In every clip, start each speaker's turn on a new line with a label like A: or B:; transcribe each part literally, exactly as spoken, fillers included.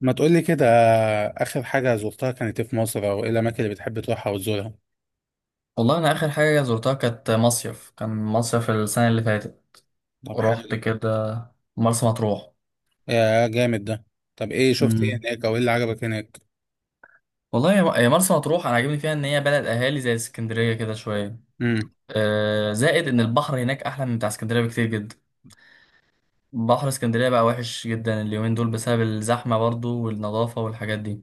A: ما تقولي كده. آخر حاجة زرتها كانت إيه في مصر أو إيه الأماكن اللي بتحب تروحها وتزورها؟
B: والله انا اخر حاجه زرتها كانت مصيف. كان مصيف السنه اللي فاتت
A: طب حلو.
B: ورحت كده مرسى مطروح.
A: يا جامد ده. طب إيه شفت إيه
B: امم
A: هناك أو إيه اللي عجبك هناك؟
B: والله يا يا مرسى مطروح انا عاجبني فيها ان هي بلد اهالي زي اسكندريه كده شويه.
A: امم
B: آه، زائد ان البحر هناك احلى من بتاع اسكندريه بكتير جدا. بحر اسكندريه بقى وحش جدا اليومين دول بسبب الزحمه، برضو، والنظافه والحاجات دي.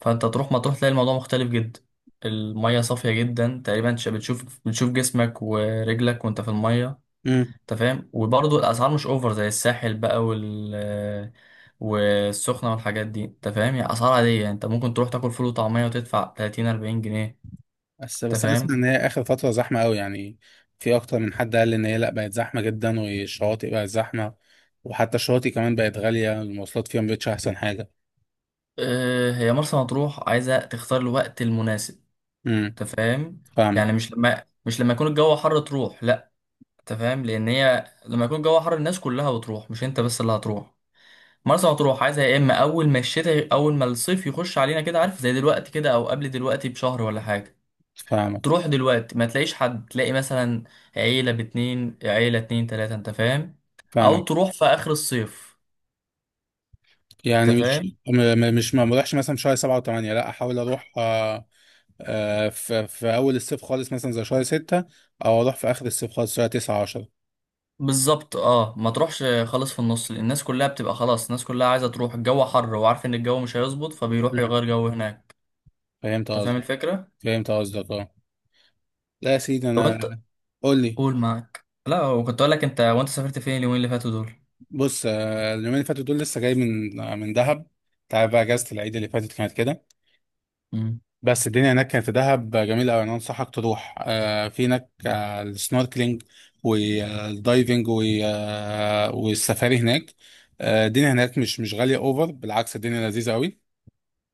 B: فانت تروح مطروح تلاقي الموضوع مختلف جدا. الميه صافيه جدا تقريبا، ش- بتشوف بتشوف جسمك ورجلك وانت في الميه.
A: امم
B: انت فاهم؟ وبرضه الاسعار مش اوفر زي الساحل بقى، وال والسخنة والحاجات دي. انت فاهم؟ يعني اسعار عادية، يعني انت ممكن تروح تاكل فول وطعمية وتدفع تلاتين اربعين جنيه.
A: بس
B: انت
A: بس أنا أسمع
B: فاهم؟
A: إن هي آخر فترة زحمة أوي يعني. في أكتر من حد قال إن هي لأ، بقت زحمة جدا والشواطئ بقت زحمة. وحتى الشواطئ كمان بقت غالية، المواصلات فيها مبقتش أحسن حاجة.
B: اه، هي مرسى مطروح عايزة تختار الوقت المناسب.
A: امم.
B: انت فاهم؟
A: فاهمك،
B: يعني مش لما مش لما يكون الجو حر تروح، لا. انت فاهم؟ لان هي لما يكون الجو حر الناس كلها بتروح، مش انت بس اللي هتروح. مرسى مطروح عايزة يا اما اول ما الشتاء، اول ما الصيف يخش علينا كده، عارف، زي دلوقتي كده او قبل دلوقتي بشهر ولا حاجة.
A: فاهمك،
B: تروح دلوقتي ما تلاقيش حد، تلاقي مثلا عيلة باتنين، عيلة اتنين تلاتة. انت فاهم؟ او
A: فاهمك.
B: تروح في اخر الصيف.
A: يعني
B: انت
A: مش
B: فاهم؟
A: م- م- مش ما بروحش مثلا في شهر سبعة وثمانية، لا احاول اروح. آه، آه، في في اول الصيف خالص مثلا زي شهر ستة، او اروح في اخر الصيف خالص شهر تسعة، عشرة.
B: بالظبط. اه، ما تروحش خالص في النص، لأن الناس كلها بتبقى خلاص، الناس كلها عايزة تروح، الجو حر وعارف ان الجو مش هيظبط فبيروح
A: مم.
B: يغير جو هناك.
A: فهمت
B: انت فاهم
A: قصدك.
B: الفكرة؟
A: فهمت قصدك، اه. لا يا سيدي،
B: طب
A: انا،
B: انت،
A: قول لي.
B: قول. معاك، لا، وكنت اقول لك انت، وانت سافرت فين اليومين اللي فاتوا دول؟
A: بص، آه، اليومين اللي فاتوا دول لسه جاي من آه، من دهب. تعرف بقى، اجازة العيد اللي فاتت كانت كده.
B: امم.
A: بس الدنيا هناك كانت في دهب جميلة أوي. أنا أنصحك تروح آه في هناك آه السنوركلينج والدايفنج و- آه، والسفاري هناك. آه الدنيا هناك مش مش غالية أوفر، بالعكس الدنيا لذيذة أوي.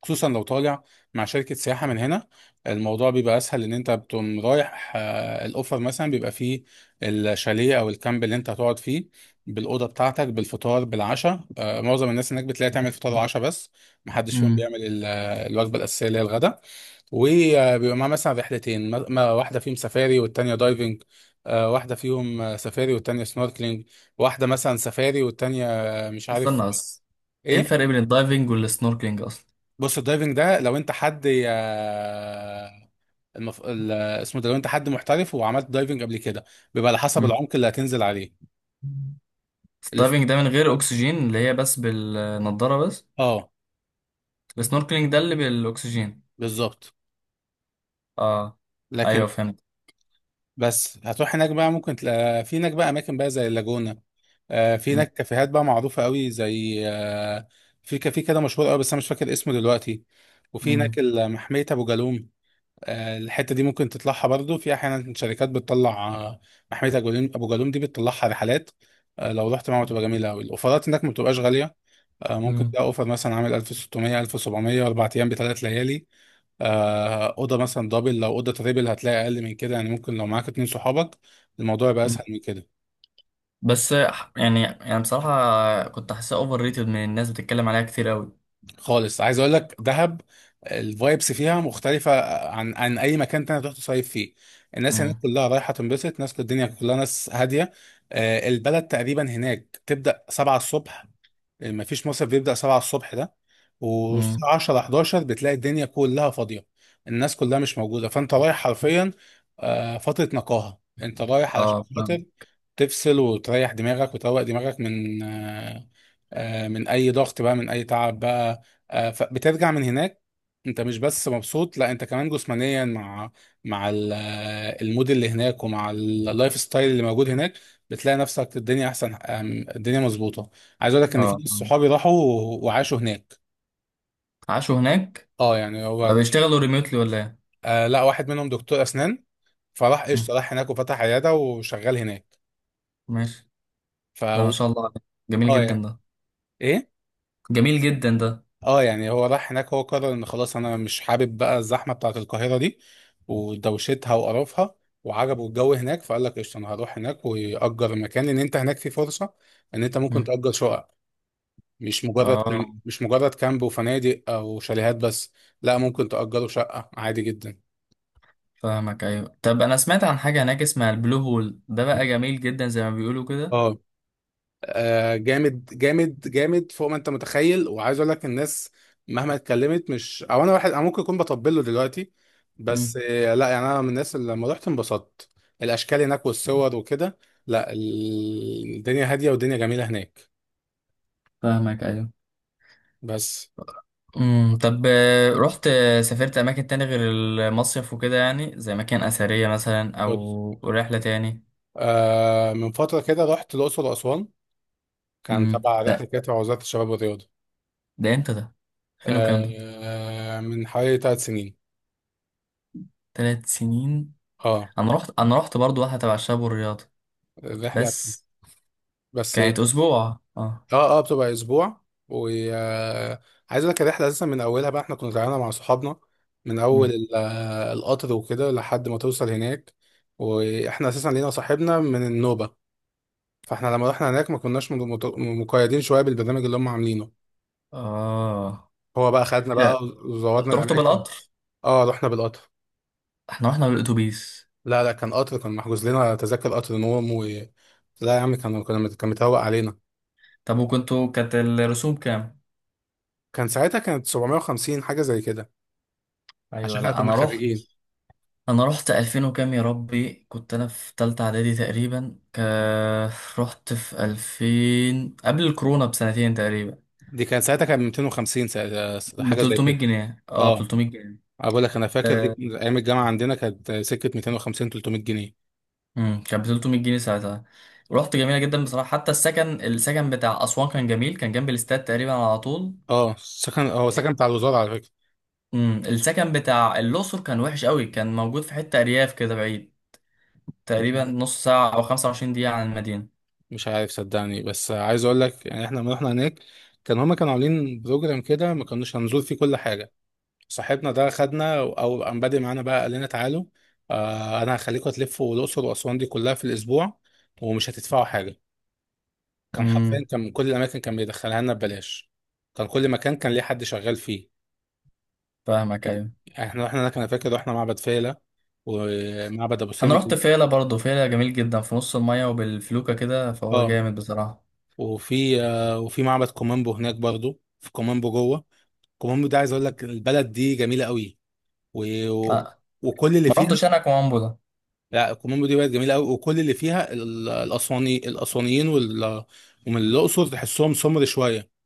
A: خصوصا لو طالع مع شركة سياحة من هنا، الموضوع بيبقى أسهل. إن أنت بتقوم رايح آه الأوفر مثلا بيبقى فيه الشاليه أو الكامب اللي أنت هتقعد فيه، بالأوضة بتاعتك، بالفطار، بالعشاء. آه معظم الناس هناك بتلاقي تعمل فطار وعشاء بس، محدش فيهم
B: امم.
A: بيعمل ال- الوجبة الأساسية اللي هي الغدا. وبيبقى معاه مثلا رحلتين، م- م- واحدة فيهم سفاري والتانية دايفنج. آه، واحدة فيهم آه، سفاري والتانية سنوركلينج. واحدة مثلا سفاري والتانية آه، مش عارف.
B: استنى بس. ايه الفرق
A: ايه؟
B: بين الدايفنج والسنوركلينج اصلا؟
A: بص، الدايفنج ده لو انت حد آه، المف... ال- اسمه ده، لو انت حد محترف وعملت دايفنج قبل كده، بيبقى على حسب
B: امم.
A: العمق اللي هتنزل عليه. ال-
B: الدايفنج ده من غير اكسجين، اللي هي بس بالنضارة بس.
A: اه،
B: السنوركلينج ده اللي بالاكسجين.
A: بالظبط.
B: اه.
A: لكن،
B: ايوه فهمت.
A: بس هتروح هناك بقى ممكن تلاقي في هناك بقى اماكن بقى زي اللاجونة. آه، في
B: مم.
A: هناك كافيهات بقى معروفة قوي، زي آه، في كافيه كده مشهور قوي، بس أنا مش فاكر اسمه دلوقتي. وفي هناك
B: مم.
A: ال- محمية أبو جالوم. آه، الحتة دي ممكن تطلعها برضو، في أحيانا شركات بتطلع آه، محمية أبو جالوم أبو جالوم دي بتطلعها رحلات. آه، لو رحت معاهم تبقى جميلة أوي، الأوفرات هناك ما بتبقاش غالية. آه، ممكن
B: مم.
A: تلاقي أوفر مثلا عامل ألف وسبعمية، ألف وسبعمية، أربع أيام بثلاث ليالي. آه، أوضة مثلا دبل، لو أوضة تريبل هتلاقي أقل من كده، يعني ممكن لو معاك اتنين صحابك الموضوع يبقى
B: مم.
A: أسهل من كده.
B: بس ح- يعني يعني بصراحة كنت حاسسها اوفر ريتد من الناس بتتكلم عليها كتير قوي.
A: خالص، عايز اقول لك دهب الفايبس فيها مختلفة عن عن اي مكان تاني تروح تصيف فيه. الناس هناك
B: مم.
A: كلها رايحة تنبسط، ناس الدنيا كلها ناس هادية. آه، البلد تقريبا هناك تبدأ سبعة الصبح، ما فيش مصيف بيبدأ سبعة الصبح ده.
B: مم.
A: والساعة عشرة، حداشر بتلاقي الدنيا كلها فاضية، الناس كلها مش موجودة، فانت رايح حرفيا آه، فترة نقاهة. انت رايح علشان
B: اه،
A: خاطر
B: فاهم.
A: تفصل وتريح دماغك وتروق دماغك من آه، آه، من اي ضغط بقى، من اي تعب بقى. آه، فبترجع من هناك انت مش بس مبسوط، لا، انت كمان جسمانيا مع مع ال- آه، المود اللي هناك ومع اللايف ستايل اللي موجود هناك، بتلاقي نفسك الدنيا احسن. آم، الدنيا مظبوطه. عايز اقول لك ان في
B: اه،
A: ناس
B: فاهم.
A: صحابي راحوا و- وعاشوا هناك.
B: عاشوا هناك؟
A: اه، يعني هو،
B: طب بيشتغلوا ريموتلي ولا ايه؟
A: آه لا، واحد منهم دكتور اسنان، فراح
B: مم.
A: قشطه، راح هناك وفتح عياده وشغال هناك.
B: ماشي.
A: ف
B: ده ما شاء الله عليك. جميل
A: اه،
B: جدا
A: يعني.
B: ده.
A: ايه؟
B: جميل جدا ده.
A: اه، يعني هو راح هناك، هو قرر ان خلاص انا مش حابب بقى الزحمه بتاعت القاهره دي ودوشتها وقرفها، وعجبه الجو هناك فقال لك قشطه انا هروح هناك واجر مكان، لان انت هناك في فرصه ان انت ممكن
B: مم.
A: تاجر شقق. مش مجرد
B: اه.
A: مش مجرد كامب وفنادق او شاليهات بس، لا ممكن تاجره شقه عادي جدا.
B: فاهمك. ايوه. طب انا سمعت عن حاجة هناك اسمها البلو هول، ده بقى جميل جدا زي ما بيقولوا كده.
A: اه، آه، جامد جامد جامد فوق ما انت متخيل. وعايز اقول لك الناس مهما اتكلمت، مش، او انا واحد انا ممكن اكون بطبل له دلوقتي، بس
B: مم.
A: آه، لا، يعني انا من الناس اللي لما رحت انبسطت، الاشكال هناك والصور وكده. لا، ال- الدنيا هاديه والدنيا جميله هناك،
B: فاهمك. ايوه.
A: بس.
B: امم. طب آه، رحت، آه، سافرت اماكن تاني غير المصيف وكده، يعني زي مكان اثريه مثلا
A: بص،
B: او رحله تاني؟
A: آه من فتره كده رحت الاقصر واسوان، كان
B: امم.
A: تبع رحله
B: ده،
A: كده تبع وزاره الشباب والرياضه.
B: ده امتى ده؟ فين وكام ده؟
A: آه من حوالي ثلاث سنين.
B: تلات سنين؟
A: اه.
B: انا رحت انا رحت برضو واحده تبع الشباب والرياضه.
A: الرحله.
B: بس
A: بس.
B: كانت اسبوع، اه.
A: اه، اه، بتبقى اسبوع، وعايز اقول لك الرحله اساسا من اولها بقى احنا كنا طالعينها مع صحابنا، من اول
B: امم.
A: ال- آه، القطر وكده لحد ما توصل هناك. واحنا اساسا لينا صاحبنا من النوبه، فاحنا لما رحنا هناك ما كناش مت- مقيدين شويه بالبرنامج اللي هم عاملينه.
B: اه.
A: هو بقى خدنا
B: لا،
A: بقى وزورنا
B: انتوا رحتوا
A: الاماكن.
B: بالقطر؟
A: اه، رحنا بالقطر.
B: احنا رحنا بالاتوبيس.
A: لا، لا، كان قطر، كان محجوز لنا تذاكر قطر نوم و، لا يا عم، كان كنا كان متهوق علينا.
B: طب وكنتوا كانت الرسوم كام؟
A: كان ساعتها كانت سبعمية وخمسين حاجه زي كده،
B: ايوه،
A: عشان احنا
B: لا
A: كنا
B: انا رحت
A: خارجين.
B: انا رحت الفين وكام وكام، يا ربي، كنت انا في تالتة اعدادي تقريبا. ك... رحت في الفين قبل الكورونا بسنتين تقريبا.
A: دي كان ساعتها كان ميتين وخمسين ساعتها،
B: ب
A: حاجه زي
B: 300
A: كده.
B: جنيه اه، ب
A: اه،
B: تلتمية جنيه.
A: انا بقول لك، انا فاكر دي
B: آه،
A: كان ايام الجامعه عندنا كانت سكه ميتين وخمسين، ثلاثمية جنيه.
B: امم. كان ب تلتمية جنيه ساعتها. رحت جميلة جدا بصراحة. حتى السكن، السكن بتاع اسوان كان جميل، كان جنب الاستاد تقريبا على طول.
A: اه، سكن، هو سكن بتاع الوزاره على فكره.
B: امم. السكن بتاع الاقصر كان وحش قوي، كان موجود في حتة ارياف كده بعيد
A: مش
B: تقريبا
A: عارف.
B: نص ساعة او 25 دقيقة عن المدينة.
A: مش عارف صدقني، بس عايز اقول لك يعني احنا لما رحنا هناك كان هما كانوا عاملين بروجرام كده ما كناش هنزور فيه كل حاجه. صاحبنا ده خدنا، او قام بادئ معانا بقى، قال لنا تعالوا، آه انا هخليكم تلفوا الاقصر واسوان دي كلها في الاسبوع ومش هتدفعوا حاجه. كان حرفيا
B: امم.
A: كان من كل الاماكن كان بيدخلها لنا ببلاش، كان كل مكان كان ليه حد شغال فيه.
B: فاهمك. ايوه.
A: احنا رحنا هناك، انا فاكر رحنا معبد فيلة ومعبد ابو
B: انا رحت
A: سمبل.
B: فيلا برضه، فيلا جميل جدا في نص المية وبالفلوكة كده، فهو
A: اه،
B: جامد بصراحة.
A: وفي آه وفي معبد كومامبو هناك برضو، في كومامبو جوه. كومامبو ده عايز اقول لك البلد دي جميله قوي، و... و...
B: آه.
A: وكل اللي
B: ما
A: فيها.
B: رحتش انا كومامبو ده.
A: لا، كومامبو دي بلد جميله قوي وكل اللي فيها ال- الاسواني الاسوانيين وال... ومن الاقصر تحسهم سمر شويه.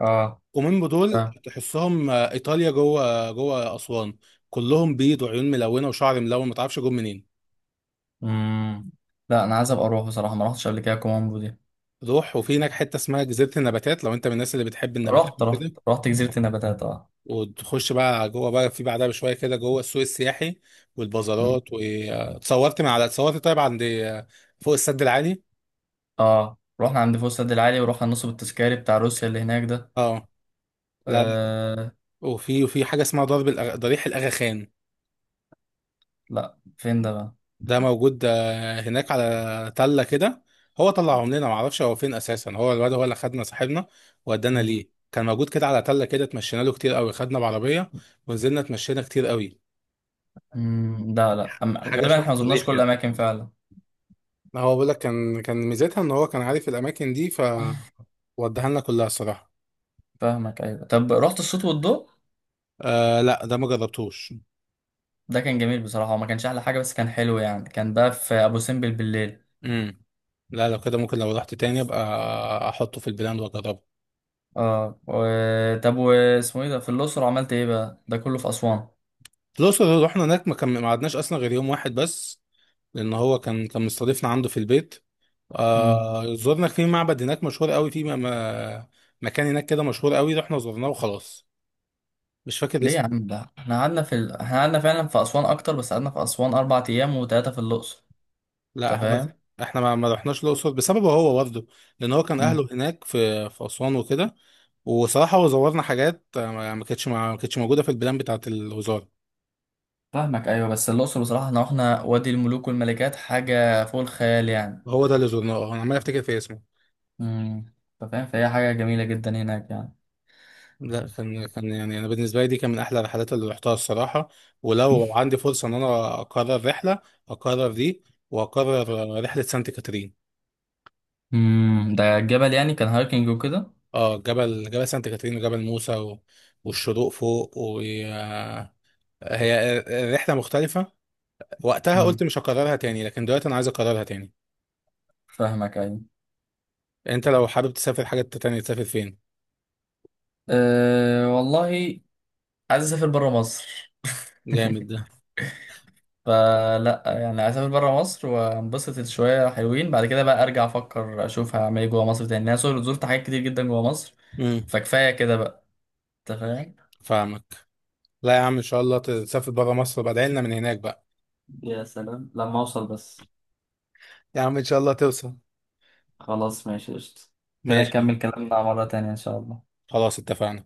B: اه،
A: قومين بدول
B: فاهم.
A: تحسهم آه، ايطاليا، جوه جوه اسوان، كلهم بيض وعيون ملونه وشعر ملون، ما تعرفش جم منين.
B: مم. لا، انا عايز ابقى اروح بصراحة، ما رحتش قبل كده كومامبو دي.
A: روح، وفي هناك حته اسمها جزيره النباتات، لو انت من الناس اللي بتحب النباتات
B: رحت رحت
A: وكده.
B: رحت جزيرة النباتات، اه.
A: وتخش بقى جوه بقى، في بعدها بشويه كده جوه السوق السياحي
B: مم.
A: والبازارات، واتصورت من على اتصورت طيب عند آه، فوق السد العالي.
B: اه، رحنا عند فوق السد العالي ورحنا النصب التذكاري بتاع روسيا اللي هناك ده.
A: اه. لا، لا.
B: آه.
A: وفي وفي حاجه اسمها ضرب الأغ... ضريح الاغاخان،
B: لا، فين ده بقى؟
A: ده موجود آه، هناك على تلة كده. هو طلعهم لنا، معرفش هو فين اساسا، هو الواد هو اللي خدنا، صاحبنا ودانا
B: مم.
A: ليه، كان موجود كده على تلة كده، اتمشينا له كتير قوي، خدنا بعربية ونزلنا، اتمشينا كتير قوي.
B: مم. لا لا. أم...
A: حاجة
B: غالبا
A: شبه
B: احنا ما زرناش
A: الضريح
B: كل
A: كده.
B: الاماكن فعلا.
A: ما هو بقول لك كان كان ميزتها ان هو كان عارف الاماكن دي، فوداها لنا كلها الصراحة.
B: فاهمك. ايوه. طب رحت الصوت والضوء؟
A: آه لا، ده ما جربتوش.
B: ده كان جميل بصراحة، وما كانش أحلى حاجة، بس كان حلو يعني، كان بقى في أبو سمبل بالليل.
A: امم. لا، لو كده ممكن لو رحت تاني ابقى احطه في البلان واجربه.
B: اه. و... طب واسمه ايه ده في الأقصر عملت ايه بقى؟ ده كله في أسوان.
A: الأقصر، رحنا هناك ما كان ما قعدناش اصلا غير يوم واحد بس، لان هو كان كان مستضيفنا عنده في البيت.
B: مم.
A: آه زرنا في معبد هناك مشهور قوي في م- م- مكان هناك كده مشهور قوي، رحنا زرناه وخلاص، مش فاكر
B: ليه يا
A: اسمه.
B: عم؟ ده احنا قعدنا في ال... احنا قعدنا فعلا في أسوان أكتر، بس قعدنا في أسوان اربع ايام وتلاتة في الأقصر.
A: لا
B: أنت
A: احنا،
B: فاهم؟
A: احنا ما, ما رحناش الاقصر بسببه هو برضه، لان هو كان
B: مم.
A: اهله هناك في في اسوان وكده. وصراحه هو زورنا حاجات آه، ما ما كانتش ما كانتش موجوده في البلان بتاعه الوزاره.
B: فاهمك. أيوة. بس الأقصر بصراحة، احنا رحنا وادي الملوك والملكات، حاجة فوق الخيال يعني.
A: هو ده اللي زرناه، آه، انا عمال افتكر في اسمه.
B: مم. أنت فاهم؟ فهي حاجة جميلة جدا هناك يعني.
A: لا، كان كان يعني انا بالنسبه لي دي كان من احلى الرحلات اللي رحتها الصراحه. ولو عندي فرصه ان انا اقرر رحله، اقرر دي، واقرر رحله سانت كاترين.
B: مم. ده الجبل، يعني كان هايكنج وكده.
A: اه، جبل جبل سانت كاترين وجبل موسى و... والشروق فوق، وهي الرحلة مختلفة. وقتها قلت
B: مم.
A: مش هكررها تاني لكن دلوقتي انا عايز اكررها تاني.
B: فاهمك. أيوة.
A: انت لو حابب تسافر حاجة تانية تسافر فين؟
B: أه، والله، عايز اسافر بره مصر.
A: جامد ده.
B: فلا يعني عايز اسافر بره مصر وانبسط شويه حلوين، بعد كده بقى ارجع افكر اشوف هعمل ايه جوه مصر تاني. انا صور- زرت حاجات كتير جدا جوه مصر،
A: امم.
B: فكفايه كده بقى. انت فاهم؟
A: فاهمك. لا يا عم، ان شاء الله تسافر برا مصر بعدين لنا من هناك بقى.
B: يا سلام لما اوصل بس.
A: يا عم، ان شاء الله توصل.
B: خلاص ماشي، قشطة. كده
A: ماشي.
B: نكمل كلامنا مره تانية ان شاء الله.
A: خلاص، اتفقنا.